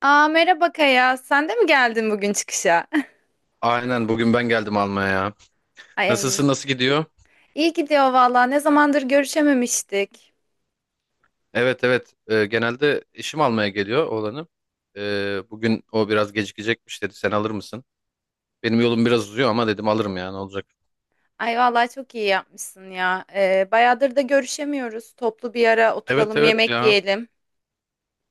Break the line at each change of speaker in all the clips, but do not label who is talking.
Aa merhaba Kaya. Sen de mi geldin bugün çıkışa?
Aynen bugün ben geldim almaya ya.
Ay ay.
Nasılsın, nasıl gidiyor?
İyi gidiyor valla. Ne zamandır görüşememiştik.
Evet evet. Genelde işim almaya geliyor oğlanı. Bugün o biraz gecikecekmiş, dedi sen alır mısın? Benim yolum biraz uzuyor ama dedim alırım ya, ne olacak?
Ay valla çok iyi yapmışsın ya. Bayağıdır da görüşemiyoruz. Toplu bir ara
Evet
oturalım,
evet
yemek
ya,
yiyelim.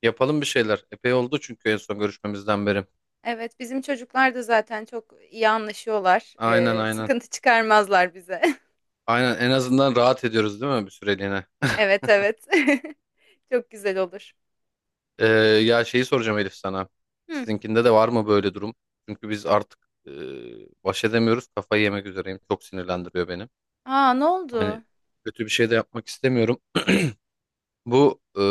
yapalım bir şeyler. Epey oldu çünkü en son görüşmemizden beri.
Evet, bizim çocuklar da zaten çok iyi anlaşıyorlar.
Aynen aynen.
Sıkıntı çıkarmazlar bize.
Aynen, en azından rahat ediyoruz değil mi bir süreliğine?
Evet, evet. Çok güzel olur.
Ee, ya şeyi soracağım Elif sana.
Hı.
Sizinkinde de var mı böyle durum? Çünkü biz artık e, baş edemiyoruz. Kafayı yemek üzereyim. Çok sinirlendiriyor beni.
Aa, ne oldu?
Hani kötü bir şey de yapmak istemiyorum. Bu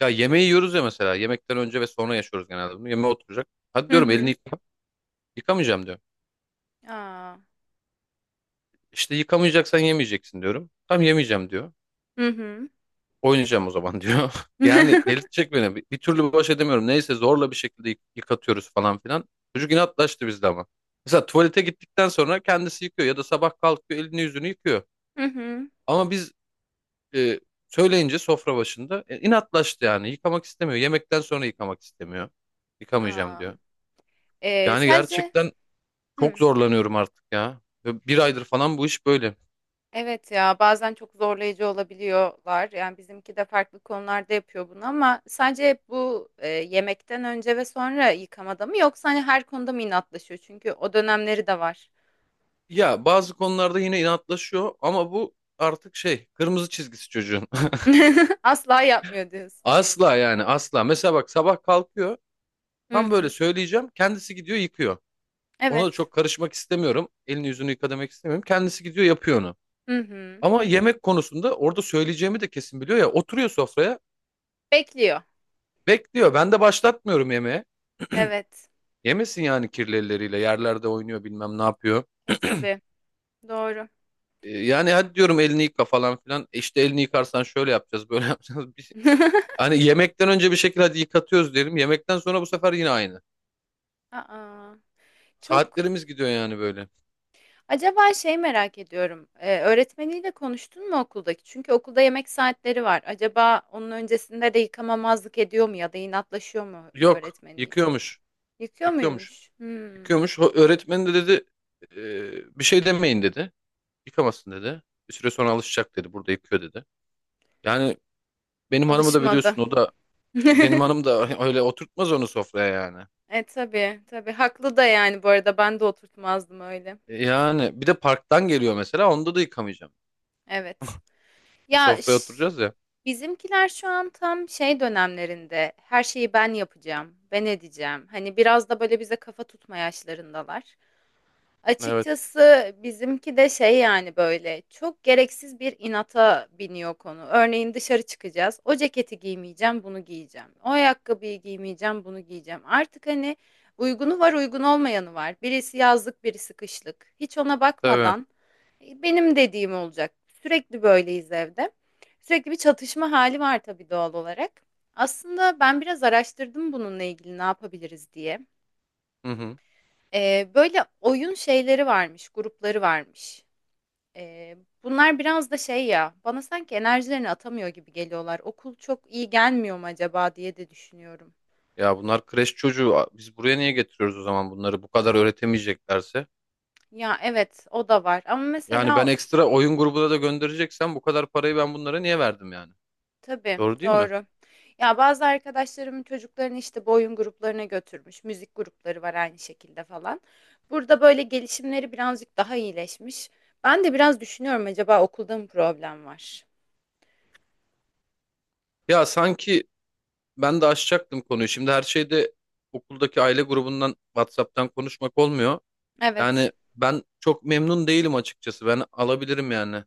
ya yemeği yiyoruz ya mesela. Yemekten önce ve sonra yaşıyoruz genelde bunu. Yemeğe oturacak. Hadi
Hı
diyorum elini
hı.
yıka. Yıkamayacağım diyor.
Aa.
İşte yıkamayacaksan yemeyeceksin diyorum. Tam yemeyeceğim diyor.
Hı hı.
Oynayacağım o zaman diyor. Yani delirtecek beni. Bir türlü baş edemiyorum. Neyse zorla bir şekilde yıkatıyoruz falan filan. Çocuk inatlaştı bizde ama. Mesela tuvalete gittikten sonra kendisi yıkıyor ya da sabah kalkıyor, elini yüzünü yıkıyor.
Hı hı.
Ama biz e, söyleyince sofra başında inatlaştı yani. Yıkamak istemiyor. Yemekten sonra yıkamak istemiyor. Yıkamayacağım
Aa.
diyor. Yani
Sadece.
gerçekten çok
Hı.
zorlanıyorum artık ya. Ve bir aydır falan bu iş böyle.
Evet, ya bazen çok zorlayıcı olabiliyorlar. Yani bizimki de farklı konularda yapıyor bunu ama sadece hep bu yemekten önce ve sonra yıkamada mı yoksa hani her konuda mı inatlaşıyor? Çünkü o dönemleri de var.
Ya bazı konularda yine inatlaşıyor ama bu artık şey, kırmızı çizgisi çocuğun.
Asla yapmıyor diyorsun.
Asla, yani asla. Mesela bak, sabah kalkıyor.
Hı
Tam böyle
hı.
söyleyeceğim. Kendisi gidiyor yıkıyor. Ona da
Evet.
çok karışmak istemiyorum. Elini yüzünü yıka demek istemiyorum. Kendisi gidiyor yapıyor onu.
Hı hı.
Ama yemek konusunda orada söyleyeceğimi de kesin biliyor ya. Oturuyor sofraya.
Bekliyor.
Bekliyor. Ben de başlatmıyorum yemeğe.
Evet.
Yemesin yani kirli elleriyle. Yerlerde oynuyor, bilmem ne yapıyor.
E tabii. Doğru.
Yani hadi diyorum elini yıka falan filan. E İşte elini yıkarsan şöyle yapacağız, böyle yapacağız. Hani yemekten önce bir şekilde hadi yıkatıyoruz derim. Yemekten sonra bu sefer yine aynı.
Aa, çok.
Saatlerimiz gidiyor yani böyle.
Acaba şey merak ediyorum. Öğretmeniyle konuştun mu okuldaki? Çünkü okulda yemek saatleri var. Acaba onun öncesinde de yıkamamazlık ediyor mu ya da inatlaşıyor mu
Yok,
öğretmeniyle?
yıkıyormuş.
Yıkıyor
Yıkıyormuş.
muymuş? Hmm,
Yıkıyormuş. O öğretmen de dedi: bir şey demeyin, dedi. Yıkamasın, dedi. Bir süre sonra alışacak, dedi. Burada yıkıyor, dedi." Yani benim hanımı da
alışmadı.
biliyorsun, o da benim hanım da öyle oturtmaz onu sofraya yani.
E tabii, tabii, haklı da yani, bu arada ben de oturtmazdım öyle.
Yani bir de parktan geliyor mesela, onda da yıkamayacağım.
Evet. Ya
Sofraya
ş-
oturacağız ya.
Bizimkiler şu an tam şey dönemlerinde, her şeyi ben yapacağım, ben edeceğim. Hani biraz da böyle bize kafa tutma yaşlarındalar.
Evet.
Açıkçası bizimki de şey yani, böyle çok gereksiz bir inata biniyor konu. Örneğin dışarı çıkacağız. O ceketi giymeyeceğim, bunu giyeceğim. O ayakkabıyı giymeyeceğim, bunu giyeceğim. Artık hani uygunu var, uygun olmayanı var. Birisi yazlık, birisi kışlık. Hiç ona
Tabii.
bakmadan benim dediğim olacak. Sürekli böyleyiz evde. Sürekli bir çatışma hali var tabii, doğal olarak. Aslında ben biraz araştırdım bununla ilgili ne yapabiliriz diye.
Hı hı.
Böyle oyun şeyleri varmış, grupları varmış. Ee, Bunlar biraz da şey ya, bana sanki enerjilerini atamıyor gibi geliyorlar. Okul çok iyi gelmiyor mu acaba diye de düşünüyorum.
Ya bunlar kreş çocuğu. A- Biz buraya niye getiriyoruz o zaman bunları, bu kadar öğretemeyeceklerse?
Ya evet, o da var. Ama
Yani ben
mesela
ekstra oyun grubuna da göndereceksem bu kadar parayı ben bunlara niye verdim yani?
tabii,
Doğru değil mi?
doğru. Ya bazı arkadaşlarımın çocuklarını işte bu oyun gruplarına götürmüş. Müzik grupları var aynı şekilde falan. Burada böyle gelişimleri birazcık daha iyileşmiş. Ben de biraz düşünüyorum, acaba okulda mı problem var?
Ya sanki ben de açacaktım konuyu. Şimdi her şeyde okuldaki aile grubundan WhatsApp'tan konuşmak olmuyor.
Evet.
Yani ben çok memnun değilim açıkçası. Ben alabilirim yani.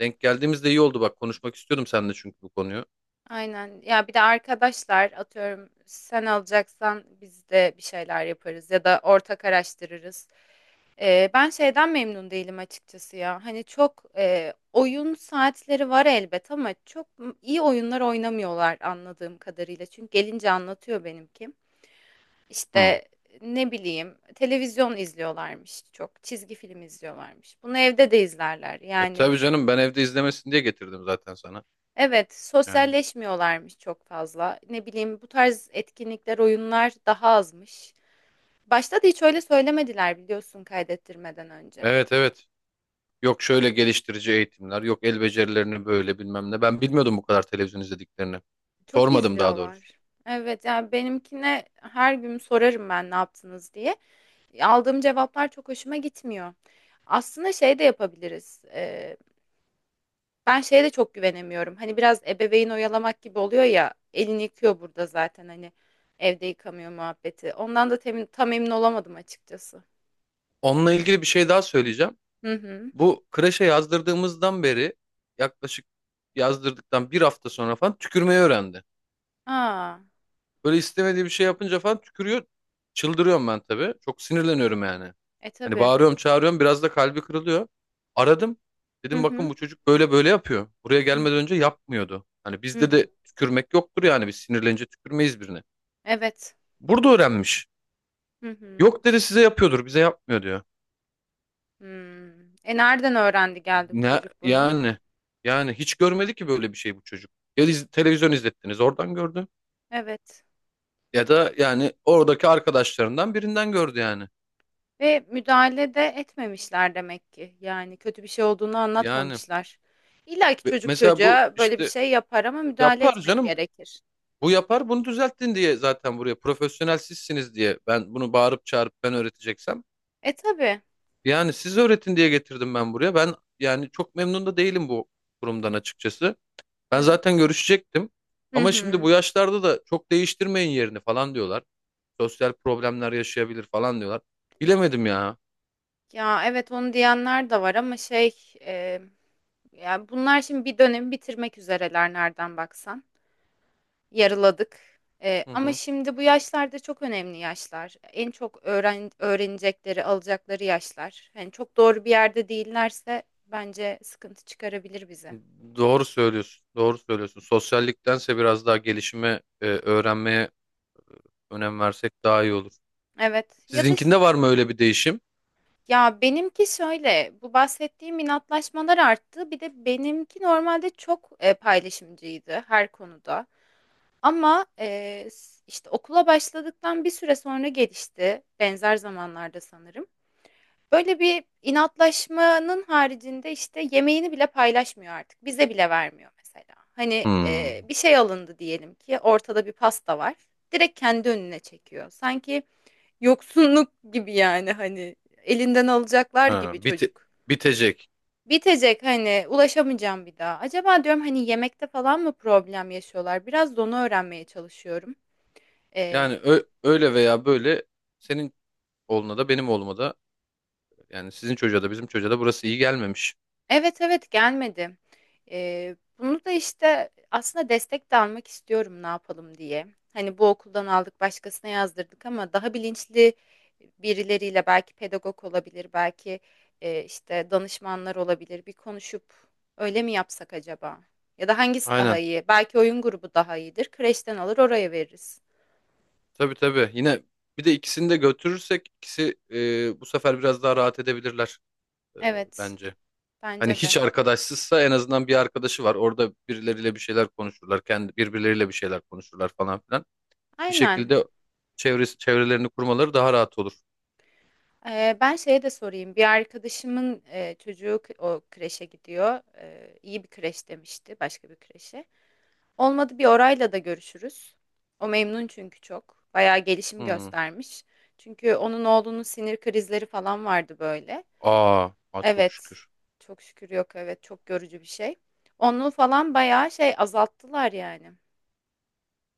Denk geldiğimizde iyi oldu bak, konuşmak istiyordum seninle çünkü bu konuyu.
Aynen. Ya bir de arkadaşlar atıyorum sen alacaksan biz de bir şeyler yaparız ya da ortak araştırırız. Ben şeyden memnun değilim açıkçası ya. Hani çok oyun saatleri var elbet ama çok iyi oyunlar oynamıyorlar anladığım kadarıyla. Çünkü gelince anlatıyor benimki.
Hı.
İşte ne bileyim, televizyon izliyorlarmış çok, çizgi film izliyorlarmış. Bunu evde de izlerler
E
yani.
tabii canım, ben evde izlemesin diye getirdim zaten sana.
Evet,
Yani.
sosyalleşmiyorlarmış çok fazla. Ne bileyim, bu tarz etkinlikler, oyunlar daha azmış. Başta da hiç öyle söylemediler biliyorsun, kaydettirmeden önce.
Evet evet. Yok şöyle geliştirici eğitimler, yok el becerilerini böyle bilmem ne. Ben bilmiyordum bu kadar televizyon izlediklerini.
Çok
Sormadım daha doğrusu.
izliyorlar. Evet, yani benimkine her gün sorarım ben ne yaptınız diye. Aldığım cevaplar çok hoşuma gitmiyor. Aslında şey de yapabiliriz. Ben şeye de çok güvenemiyorum. Hani biraz ebeveyn oyalamak gibi oluyor ya. Elini yıkıyor burada zaten, hani evde yıkamıyor muhabbeti. Ondan da temin, tam emin olamadım açıkçası.
Onunla ilgili bir şey daha söyleyeceğim.
Hı hı.
Bu kreşe yazdırdığımızdan beri, yaklaşık yazdırdıktan bir hafta sonra falan tükürmeyi öğrendi.
A!
Böyle istemediği bir şey yapınca falan tükürüyor. Çıldırıyorum ben tabii. Çok sinirleniyorum yani.
E,
Hani
tabii.
bağırıyorum, çağırıyorum. Biraz da kalbi kırılıyor. Aradım.
Hı
Dedim
hı.
bakın, bu çocuk böyle böyle yapıyor. Buraya
Hı
gelmeden
hı.
önce yapmıyordu. Hani
Hı
bizde
hı.
de tükürmek yoktur yani. Biz sinirlenince tükürmeyiz birine.
Evet.
Burada öğrenmiş.
Hı hı.
Yok, dedi, size yapıyordur, bize yapmıyor, diyor.
Hımm. E, nereden öğrendi geldi bu
Ne
çocuk bunu?
yani? Yani hiç görmedi ki böyle bir şey bu çocuk. Televizyon izlettiniz, oradan gördü.
Evet,
Ya da yani oradaki arkadaşlarından birinden gördü yani.
ve müdahale de etmemişler demek ki. Yani kötü bir şey olduğunu
Yani
anlatmamışlar. İlla ki
ve
çocuk
mesela bu
çocuğa böyle bir
işte.
şey yapar ama müdahale
Yapar
etmek
canım.
gerekir.
Bu yapar, bunu düzelttin diye zaten buraya, profesyonel sizsiniz diye, ben bunu bağırıp çağırıp ben öğreteceksem,
E, tabii.
yani siz öğretin diye getirdim ben buraya. Ben yani çok memnun da değilim bu kurumdan açıkçası. Ben zaten
Evet.
görüşecektim
Hı
ama şimdi
hı.
bu yaşlarda da çok değiştirmeyin yerini falan diyorlar. Sosyal problemler yaşayabilir falan diyorlar. Bilemedim ya.
Ya, evet, onu diyenler de var ama şey, ya, bunlar şimdi bir dönemi bitirmek üzereler nereden baksan. Yarıladık.
Hı
Ama
hı.
şimdi bu yaşlarda çok önemli yaşlar. En çok öğrenecekleri, alacakları yaşlar. Yani çok doğru bir yerde değillerse bence sıkıntı çıkarabilir bize.
Doğru söylüyorsun. Doğru söylüyorsun. Sosyalliktense biraz daha gelişime, öğrenmeye önem versek daha iyi olur.
Evet.
Sizinkinde var mı öyle bir değişim?
Ya benimki şöyle, bu bahsettiğim inatlaşmalar arttı. Bir de benimki normalde çok paylaşımcıydı her konuda. Ama işte okula başladıktan bir süre sonra gelişti. Benzer zamanlarda sanırım. Böyle bir inatlaşmanın haricinde işte yemeğini bile paylaşmıyor artık. Bize bile vermiyor mesela. Hani
Hmm.
bir şey alındı diyelim ki, ortada bir pasta var. Direkt kendi önüne çekiyor. Sanki yoksunluk gibi, yani hani elinden alacaklar
Ha,
gibi
bite-
çocuk.
Bitecek.
Bitecek, hani ulaşamayacağım bir daha. Acaba diyorum hani yemekte falan mı problem yaşıyorlar? Biraz da onu öğrenmeye çalışıyorum.
Yani
E,
öyle veya böyle senin oğluna da benim oğluma da, yani sizin çocuğa da bizim çocuğa da burası iyi gelmemiş.
Evet, evet, gelmedi. Bunu da, işte, aslında destek de almak istiyorum ne yapalım diye. Hani, bu okuldan aldık, başkasına yazdırdık ama daha bilinçli birileriyle, belki pedagog olabilir, belki, işte, danışmanlar olabilir. Bir konuşup öyle mi yapsak acaba? Ya da hangisi daha
Aynen.
iyi? Belki oyun grubu daha iyidir. Kreşten alır, oraya veririz.
Tabii tabii. Yine bir de ikisini de götürürsek ikisi bu sefer biraz daha rahat edebilirler e,
Evet,
bence. Hani
bence
hiç
de.
arkadaşsızsa en azından bir arkadaşı var. Orada birileriyle bir şeyler konuşurlar. Kendi birbirleriyle bir şeyler konuşurlar falan filan. Bir
Aynen.
şekilde çevrelerini kurmaları daha rahat olur.
Ben şeye de sorayım. Bir arkadaşımın çocuğu o kreşe gidiyor. İyi bir kreş demişti, başka bir kreşe. Olmadı bir orayla da görüşürüz. O memnun çünkü çok. Bayağı gelişim
Hmm.
göstermiş. Çünkü onun oğlunun sinir krizleri falan vardı böyle.
Aa, aa çok
Evet.
şükür.
Çok şükür yok. Evet, çok görücü bir şey. Onu falan bayağı şey azalttılar yani.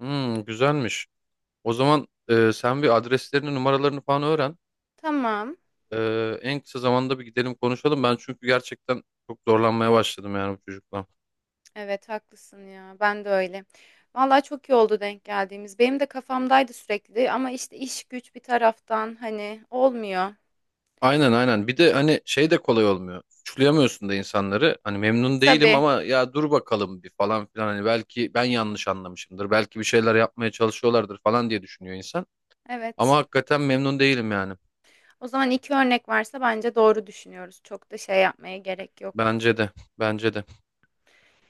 Hmm, güzelmiş. O zaman sen bir adreslerini, numaralarını falan öğren.
Tamam.
E, en kısa zamanda bir gidelim konuşalım. Ben çünkü gerçekten çok zorlanmaya başladım yani bu çocukla.
Evet haklısın ya. Ben de öyle. Vallahi çok iyi oldu denk geldiğimiz. Benim de kafamdaydı sürekli ama işte iş güç bir taraftan hani olmuyor.
Aynen aynen. Bir de hani şey de kolay olmuyor. Suçlayamıyorsun da insanları. Hani
E,
memnun değilim
tabii.
ama ya dur bakalım bir falan filan. Hani belki ben yanlış anlamışımdır. Belki bir şeyler yapmaya çalışıyorlardır falan diye düşünüyor insan. Ama
Evet.
hakikaten memnun değilim yani.
O zaman iki örnek varsa bence doğru düşünüyoruz. Çok da şey yapmaya gerek yok.
Bence de. Bence de.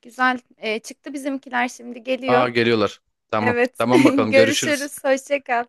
Güzel. E, çıktı bizimkiler şimdi
Aa
geliyor.
geliyorlar. Tamam.
Evet.
Tamam bakalım, görüşürüz.
Görüşürüz. Hoşça kal.